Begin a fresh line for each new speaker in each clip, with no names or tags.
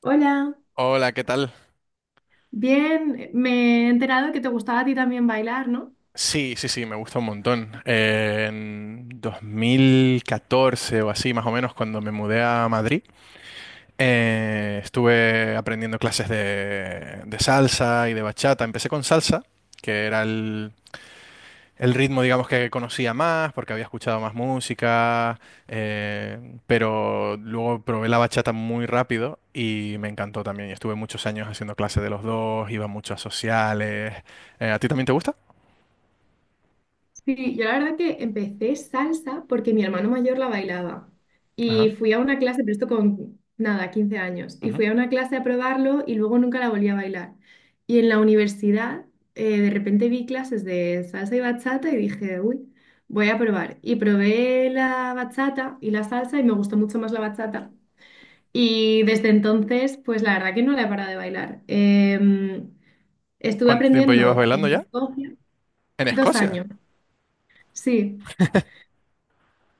Hola,
Hola, ¿qué tal?
bien, me he enterado que te gustaba a ti también bailar, ¿no?
Sí, sí, sí, me gusta un montón. En 2014 o así, más o menos, cuando me mudé a Madrid, estuve aprendiendo clases de salsa y de bachata. Empecé con salsa, que era el ritmo, digamos, que conocía más, porque había escuchado más música, pero luego probé la bachata muy rápido y me encantó también. Y estuve muchos años haciendo clases de los dos, iba mucho a sociales. ¿A ti también te gusta?
Sí, yo la verdad que empecé salsa porque mi hermano mayor la bailaba
Ajá.
y fui a una clase, pero esto con nada, 15 años, y fui a una clase a probarlo y luego nunca la volví a bailar. Y en la universidad de repente vi clases de salsa y bachata y dije, uy, voy a probar. Y probé la bachata y la salsa y me gustó mucho más la bachata. Y desde entonces, pues la verdad que no la he parado de bailar. Estuve
¿Cuánto tiempo llevas
aprendiendo
bailando
en
ya?
Escocia
¿En
dos
Escocia?
años. Sí,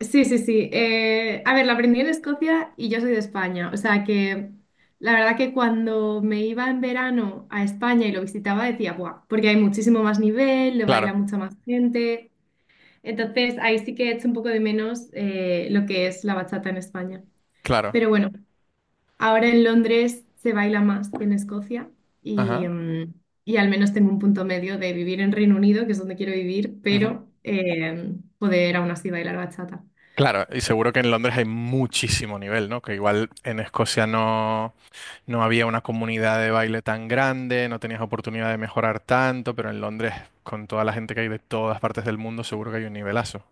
sí, sí, sí. A ver, la aprendí en Escocia y yo soy de España. O sea que la verdad que cuando me iba en verano a España y lo visitaba decía, ¡buah! Porque hay muchísimo más nivel, lo baila
Claro,
mucha más gente. Entonces ahí sí que echo un poco de menos lo que es la bachata en España.
claro.
Pero bueno. Ahora en Londres se baila más que en Escocia y,
Ajá.
mm, y al menos tengo un punto medio de vivir en Reino Unido, que es donde quiero vivir,
Ujú.
pero poder aún así bailar bachata.
Claro, y seguro que en Londres hay muchísimo nivel, ¿no? Que igual en Escocia no, no había una comunidad de baile tan grande, no tenías oportunidad de mejorar tanto, pero en Londres, con toda la gente que hay de todas partes del mundo, seguro que hay un nivelazo.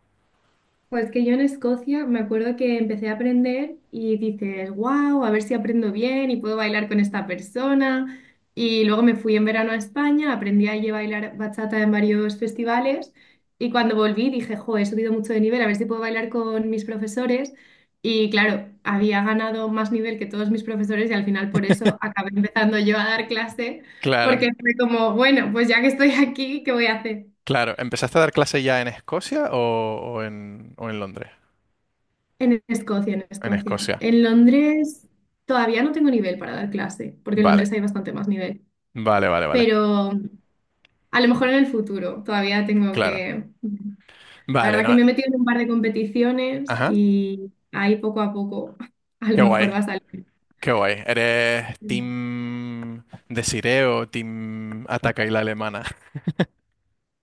Pues que yo en Escocia me acuerdo que empecé a aprender y dices, wow, a ver si aprendo bien y puedo bailar con esta persona. Y luego me fui en verano a España, aprendí allí a bailar bachata en varios festivales y cuando volví dije, jo, he subido mucho de nivel, a ver si puedo bailar con mis profesores. Y claro, había ganado más nivel que todos mis profesores y al final por eso acabé empezando yo a dar clase
Claro,
porque fue como, bueno, pues ya que estoy aquí, ¿qué voy a hacer?
claro. ¿Empezaste a dar clase ya en Escocia o en Londres?
En Escocia, en
En
Escocia.
Escocia.
En Londres todavía no tengo nivel para dar clase, porque en
Vale,
Londres hay bastante más nivel.
vale, vale, vale.
Pero a lo mejor en el futuro todavía tengo
Claro.
que... La
Vale,
verdad que
no.
me he metido en un par de competiciones
Ajá.
y ahí poco a poco a lo
Qué guay.
mejor va a salir.
Qué guay. ¿Eres Team Desiree o Team Ataca y la Alemana?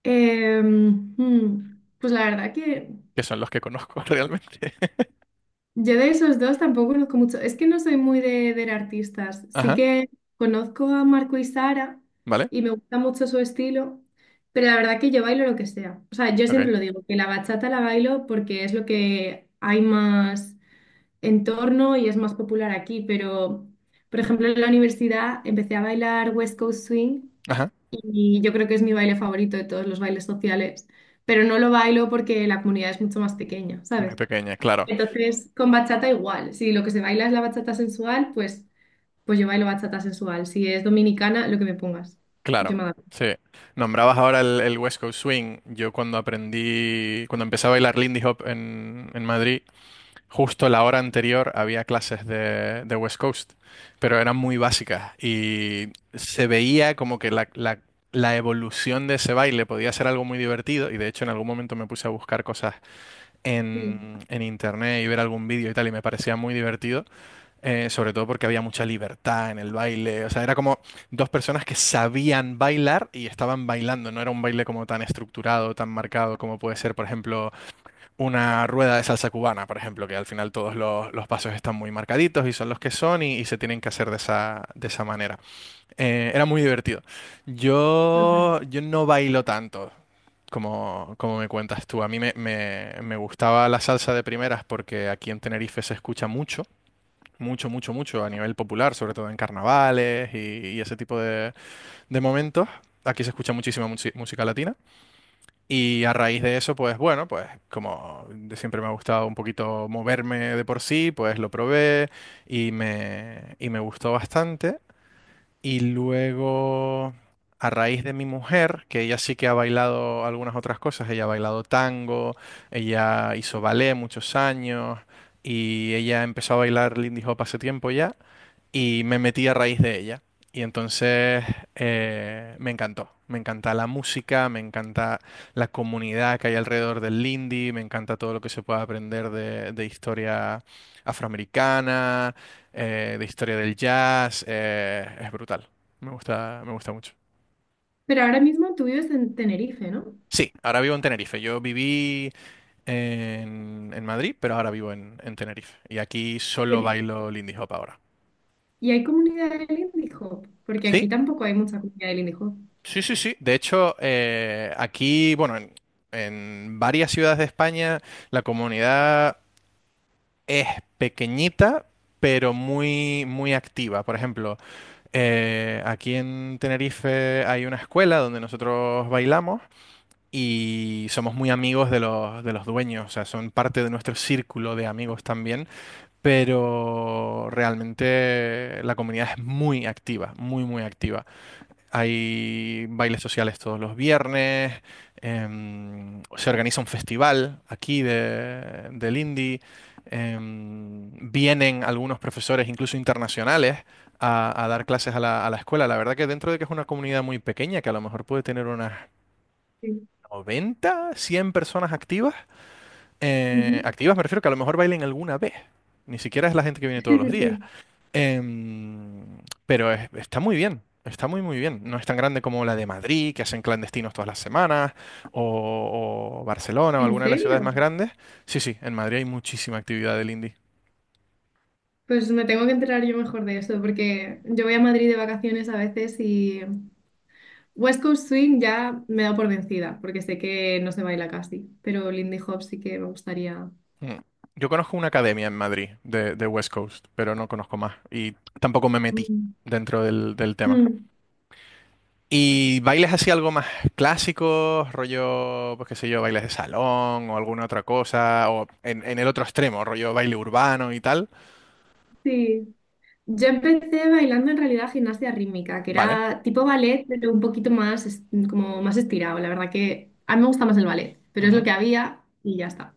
Pues la verdad que
Que son los que conozco realmente.
yo de esos dos tampoco conozco mucho. Es que no soy muy de ver artistas. Sí
Ajá,
que conozco a Marco y Sara
¿vale?
y me gusta mucho su estilo, pero la verdad que yo bailo lo que sea. O sea, yo
Ok.
siempre lo digo, que la bachata la bailo porque es lo que hay más en torno y es más popular aquí, pero por ejemplo en la universidad empecé a bailar West Coast Swing
Ajá.
y yo creo que es mi baile favorito de todos los bailes sociales, pero no lo bailo porque la comunidad es mucho más pequeña,
Muy
¿sabes?
pequeña, claro,
Entonces, con bachata igual. Si lo que se baila es la bachata sensual, pues yo bailo bachata sensual. Si es dominicana, lo que me pongas.
claro.
Yo me adapto.
Sí. Nombrabas ahora el West Coast Swing. Yo cuando aprendí, cuando empecé a bailar Lindy Hop en Madrid, justo la hora anterior había clases de West Coast, pero eran muy básicas y se veía como que la evolución de ese baile podía ser algo muy divertido y de hecho en algún momento me puse a buscar cosas
Sí,
en internet y ver algún vídeo y tal y me parecía muy divertido, sobre todo porque había mucha libertad en el baile, o sea, era como dos personas que sabían bailar y estaban bailando, no era un baile como tan estructurado, tan marcado como puede ser, por ejemplo una rueda de salsa cubana, por ejemplo, que al final todos los pasos están muy marcaditos y son los que son y se tienen que hacer de esa manera. Era muy divertido.
total.
Yo no bailo tanto como me cuentas tú. A mí me gustaba la salsa de primeras porque aquí en Tenerife se escucha mucho, mucho, mucho, mucho a nivel popular, sobre todo en carnavales y ese tipo de momentos. Aquí se escucha muchísima música latina. Y a raíz de eso, pues bueno, pues como de siempre me ha gustado un poquito moverme de por sí, pues lo probé y me gustó bastante. Y luego, a raíz de mi mujer, que ella sí que ha bailado algunas otras cosas, ella ha bailado tango, ella hizo ballet muchos años y ella empezó a bailar Lindy Hop hace tiempo ya y me metí a raíz de ella. Y entonces me encantó. Me encanta la música, me encanta la comunidad que hay alrededor del Lindy, me encanta todo lo que se puede aprender de historia afroamericana, de historia del jazz. Es brutal. Me gusta mucho.
Pero ahora mismo tú vives en Tenerife, ¿no?
Sí, ahora vivo en Tenerife. Yo viví en Madrid, pero ahora vivo en Tenerife. Y aquí
Y,
solo
en-
bailo Lindy Hop ahora.
y hay comunidad del indie Hop, porque
¿Sí?
aquí tampoco hay mucha comunidad del indie Hop.
Sí, sí, sí. De hecho, aquí, bueno, en varias ciudades de España, la comunidad es pequeñita, pero muy, muy activa. Por ejemplo, aquí en Tenerife hay una escuela donde nosotros bailamos y somos muy amigos de los dueños, o sea, son parte de nuestro círculo de amigos también, pero realmente la comunidad es muy activa, muy, muy activa. Hay bailes sociales todos los viernes, se organiza un festival aquí del indie, vienen algunos profesores, incluso internacionales, a dar clases a la escuela. La verdad que dentro de que es una comunidad muy pequeña, que a lo mejor puede tener unas
Sí.
90, 100 personas activas,
Ujú.
activas me refiero que a lo mejor bailen alguna vez, ni siquiera es la gente que viene
Sí,
todos los
sí,
días.
sí.
Em, pero está muy bien, está muy muy bien. No es tan grande como la de Madrid, que hacen clandestinos todas las semanas, o Barcelona o
¿En
alguna de las ciudades
serio?
más grandes. Sí, sí, en Madrid hay muchísima actividad del indie.
Pues me tengo que enterar yo mejor de eso, porque yo voy a Madrid de vacaciones a veces y West Coast Swing ya me da por vencida, porque sé que no se baila casi, pero Lindy Hop sí que me gustaría.
Mm. Yo conozco una academia en Madrid de West Coast, pero no conozco más y tampoco me metí
Mm.
dentro del tema.
Mm,
¿Y bailes así algo más clásicos, rollo, pues qué sé yo, bailes de salón o alguna otra cosa, o en el otro extremo, rollo baile urbano y tal?
sí. Yo empecé bailando en realidad gimnasia rítmica, que
Vale.
era tipo ballet, pero un poquito más, como más estirado. La verdad que a mí me gusta más el ballet, pero es lo
Ujú.
que había y ya está.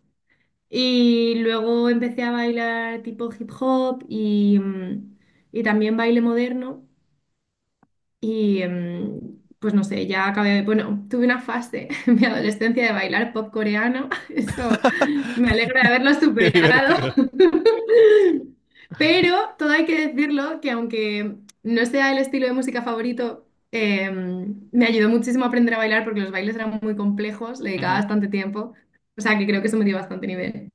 Y luego empecé a bailar tipo hip hop y también baile moderno. Y em, pues no sé, ya acabé, bueno, tuve una fase en mi adolescencia de bailar pop coreano, eso me alegra de haberlo
Qué
superado.
divertido.
Pero todo hay que decirlo que aunque no sea el estilo de música favorito, me ayudó muchísimo a aprender a bailar porque los bailes eran muy complejos, le dedicaba
Ujú,
bastante tiempo, o sea que creo que eso me dio bastante nivel.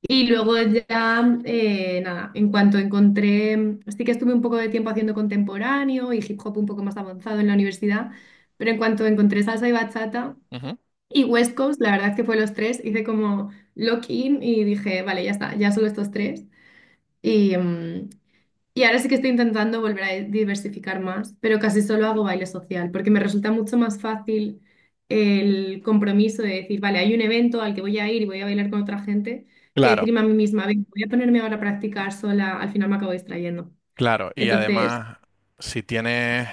Y luego ya, nada, en cuanto encontré, sí que estuve un poco de tiempo haciendo contemporáneo y hip hop un poco más avanzado en la universidad, pero en cuanto encontré salsa y bachata
ujú.
y West Coast, la verdad es que fue los tres, hice como lock in y dije, vale, ya está, ya solo estos tres. Y, mm, y ahora sí que estoy intentando volver a diversificar más, pero casi solo hago baile social, porque me resulta mucho más fácil el compromiso de decir, vale, hay un evento al que voy a ir y voy a bailar con otra gente, que
Claro,
decirme a mí misma, "Venga, voy a ponerme ahora a practicar sola, al final me acabo distrayendo."
claro. Y
Entonces,
además, si tienes,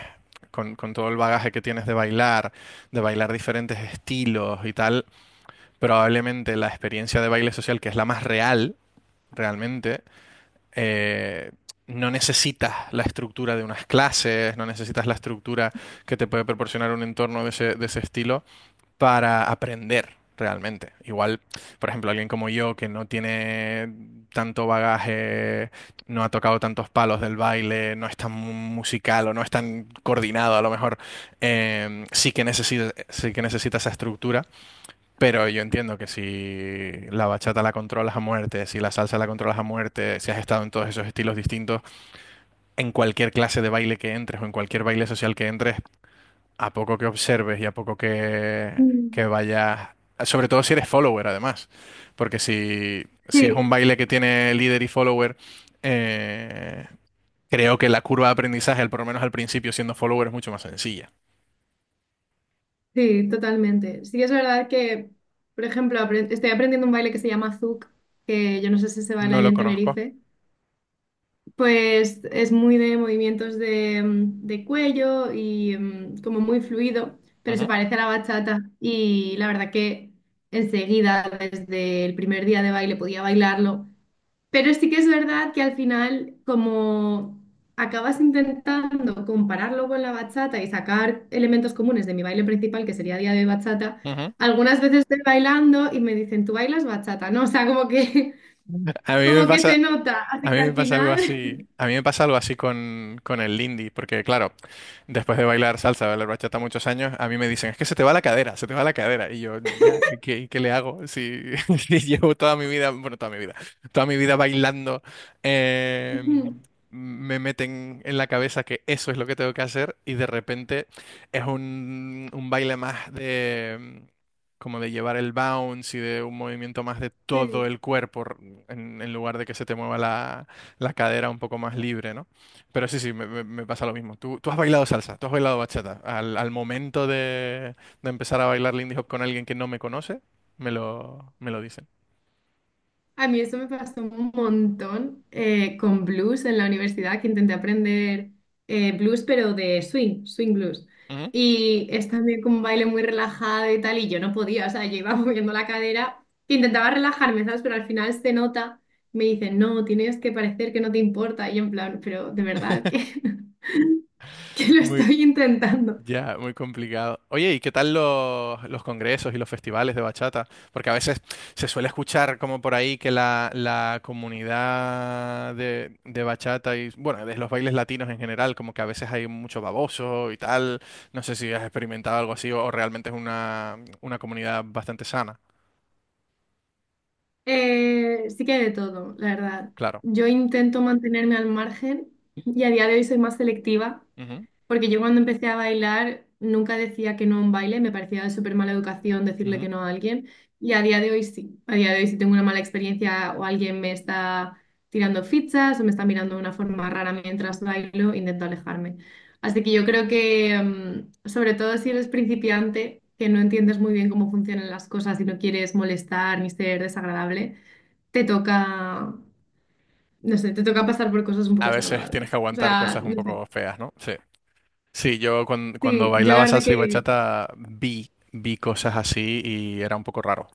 con todo el bagaje que tienes de bailar diferentes estilos y tal, probablemente la experiencia de baile social, que es la más real, realmente, eh, no necesitas la estructura de unas clases, no necesitas la estructura que te puede proporcionar un entorno de ese estilo, para aprender realmente. Igual, por ejemplo, alguien como yo que no tiene tanto bagaje, no ha tocado tantos palos del baile, no es tan musical o no es tan coordinado a lo mejor, sí que necesita esa estructura, pero yo entiendo que si la bachata la controlas a muerte, si la salsa la controlas a muerte, si has estado en todos esos estilos distintos, en cualquier clase de baile que entres o en cualquier baile social que entres, a poco que observes y a poco que,
mm,
que vayas, sobre todo si eres follower además, porque si es
sí,
un baile que tiene líder y follower, eh, creo que la curva de aprendizaje, por lo menos al principio siendo follower, es mucho más sencilla.
sí, totalmente. Sí que es verdad que, por ejemplo, estoy aprendiendo un baile que se llama zouk, que yo no sé si se baila
No
ahí
lo
en
conozco.
Tenerife. Pues es muy de movimientos de de cuello y mm, como muy fluido, pero se
Ujú,
parece a la bachata y la verdad que enseguida, desde el primer día de baile, podía bailarlo. Pero sí que es verdad que al final, como acabas intentando compararlo con la bachata y sacar elementos comunes de mi baile principal, que sería día de bachata,
ujú.
algunas veces estoy bailando y me dicen, ¿tú bailas bachata? No, o sea, como que,
A mí me
como que se
pasa,
nota, así
a mí
que
me
al
pasa algo
final...
así, a mí me pasa algo así con el Lindy, porque claro, después de bailar salsa, bailar bachata muchos años, a mí me dicen, es que se te va la cadera, se te va la cadera. Y yo, ya, ¿qué le hago? Si, si llevo toda mi vida, bueno, toda mi vida bailando, eh,
ujú.
me meten en la cabeza que eso es lo que tengo que hacer y de repente es un baile más de como de llevar el bounce y de un movimiento más de todo
Sí.
el cuerpo en lugar de que se te mueva la cadera un poco más libre, ¿no? Pero sí, sí, me pasa lo mismo. ¿Tú has bailado salsa, tú has bailado bachata. Al momento de empezar a bailar Lindy Hop con alguien que no me conoce, me lo dicen.
A mí esto me pasó un montón con blues en la universidad, que intenté aprender blues, pero de swing, swing blues.
Ujú.
Y es también como un baile muy relajado y tal, y yo no podía, o sea, yo iba moviendo la cadera, intentaba relajarme, ¿sabes? Pero al final se nota, me dicen, no, tienes que parecer que no te importa, y yo en plan, pero de verdad que, que lo
Muy,
estoy intentando.
Ya, muy complicado. Oye, ¿y qué tal los congresos y los festivales de bachata? Porque a veces se suele escuchar como por ahí que la comunidad de bachata y, bueno, de los bailes latinos en general, como que a veces hay mucho baboso y tal. No sé si has experimentado algo así o realmente es una comunidad bastante sana,
Sí que hay de todo, la verdad.
claro.
Yo intento mantenerme al margen y a día de hoy soy más selectiva
Ujú,
porque yo cuando empecé a bailar nunca decía que no a un baile, me parecía de súper mala educación decirle
ujú.
que no a alguien. Y a día de hoy sí, a día de hoy si tengo una mala experiencia o alguien me está tirando fichas o me está mirando de una forma rara mientras bailo, intento alejarme. Así que yo creo que, mm, sobre todo si eres principiante, que no entiendes muy bien cómo funcionan las cosas y no quieres molestar ni ser desagradable, te toca, no sé, te toca pasar por cosas un
A
poco
veces tienes que
desagradables. O
aguantar
sea,
cosas un
no sé.
poco feas, ¿no? Sí. Sí, yo cuando,
Sí, yo la
bailaba
verdad
salsa y
que...
bachata vi cosas así y era un poco raro.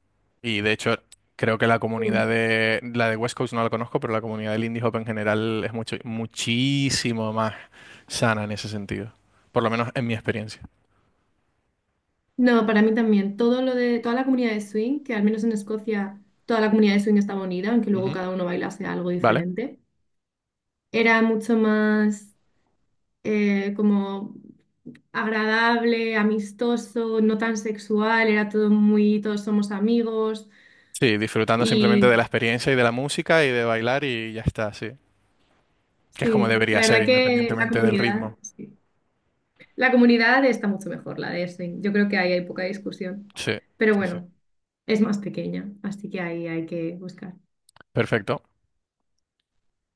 Y de hecho, creo que la comunidad la de West Coast no la conozco, pero la comunidad del indie hop en general es muchísimo más sana en ese sentido. Por lo menos en mi experiencia.
No, para mí también. Todo lo de toda la comunidad de swing, que al menos en Escocia toda la comunidad de swing estaba unida, aunque luego
Ujú.
cada uno bailase algo
¿Vale?
diferente, era mucho más como agradable, amistoso, no tan sexual, era todo muy, todos somos amigos
Sí, disfrutando simplemente
y
de la experiencia y de la música y de bailar y ya está, sí. Que es como
sí, la
debería ser,
verdad que la
independientemente del
comunidad,
ritmo.
sí. La comunidad está mucho mejor, la de swing. Yo creo que ahí hay poca discusión,
Sí,
pero
sí, sí.
bueno, es más pequeña, así que ahí hay que buscar.
Perfecto.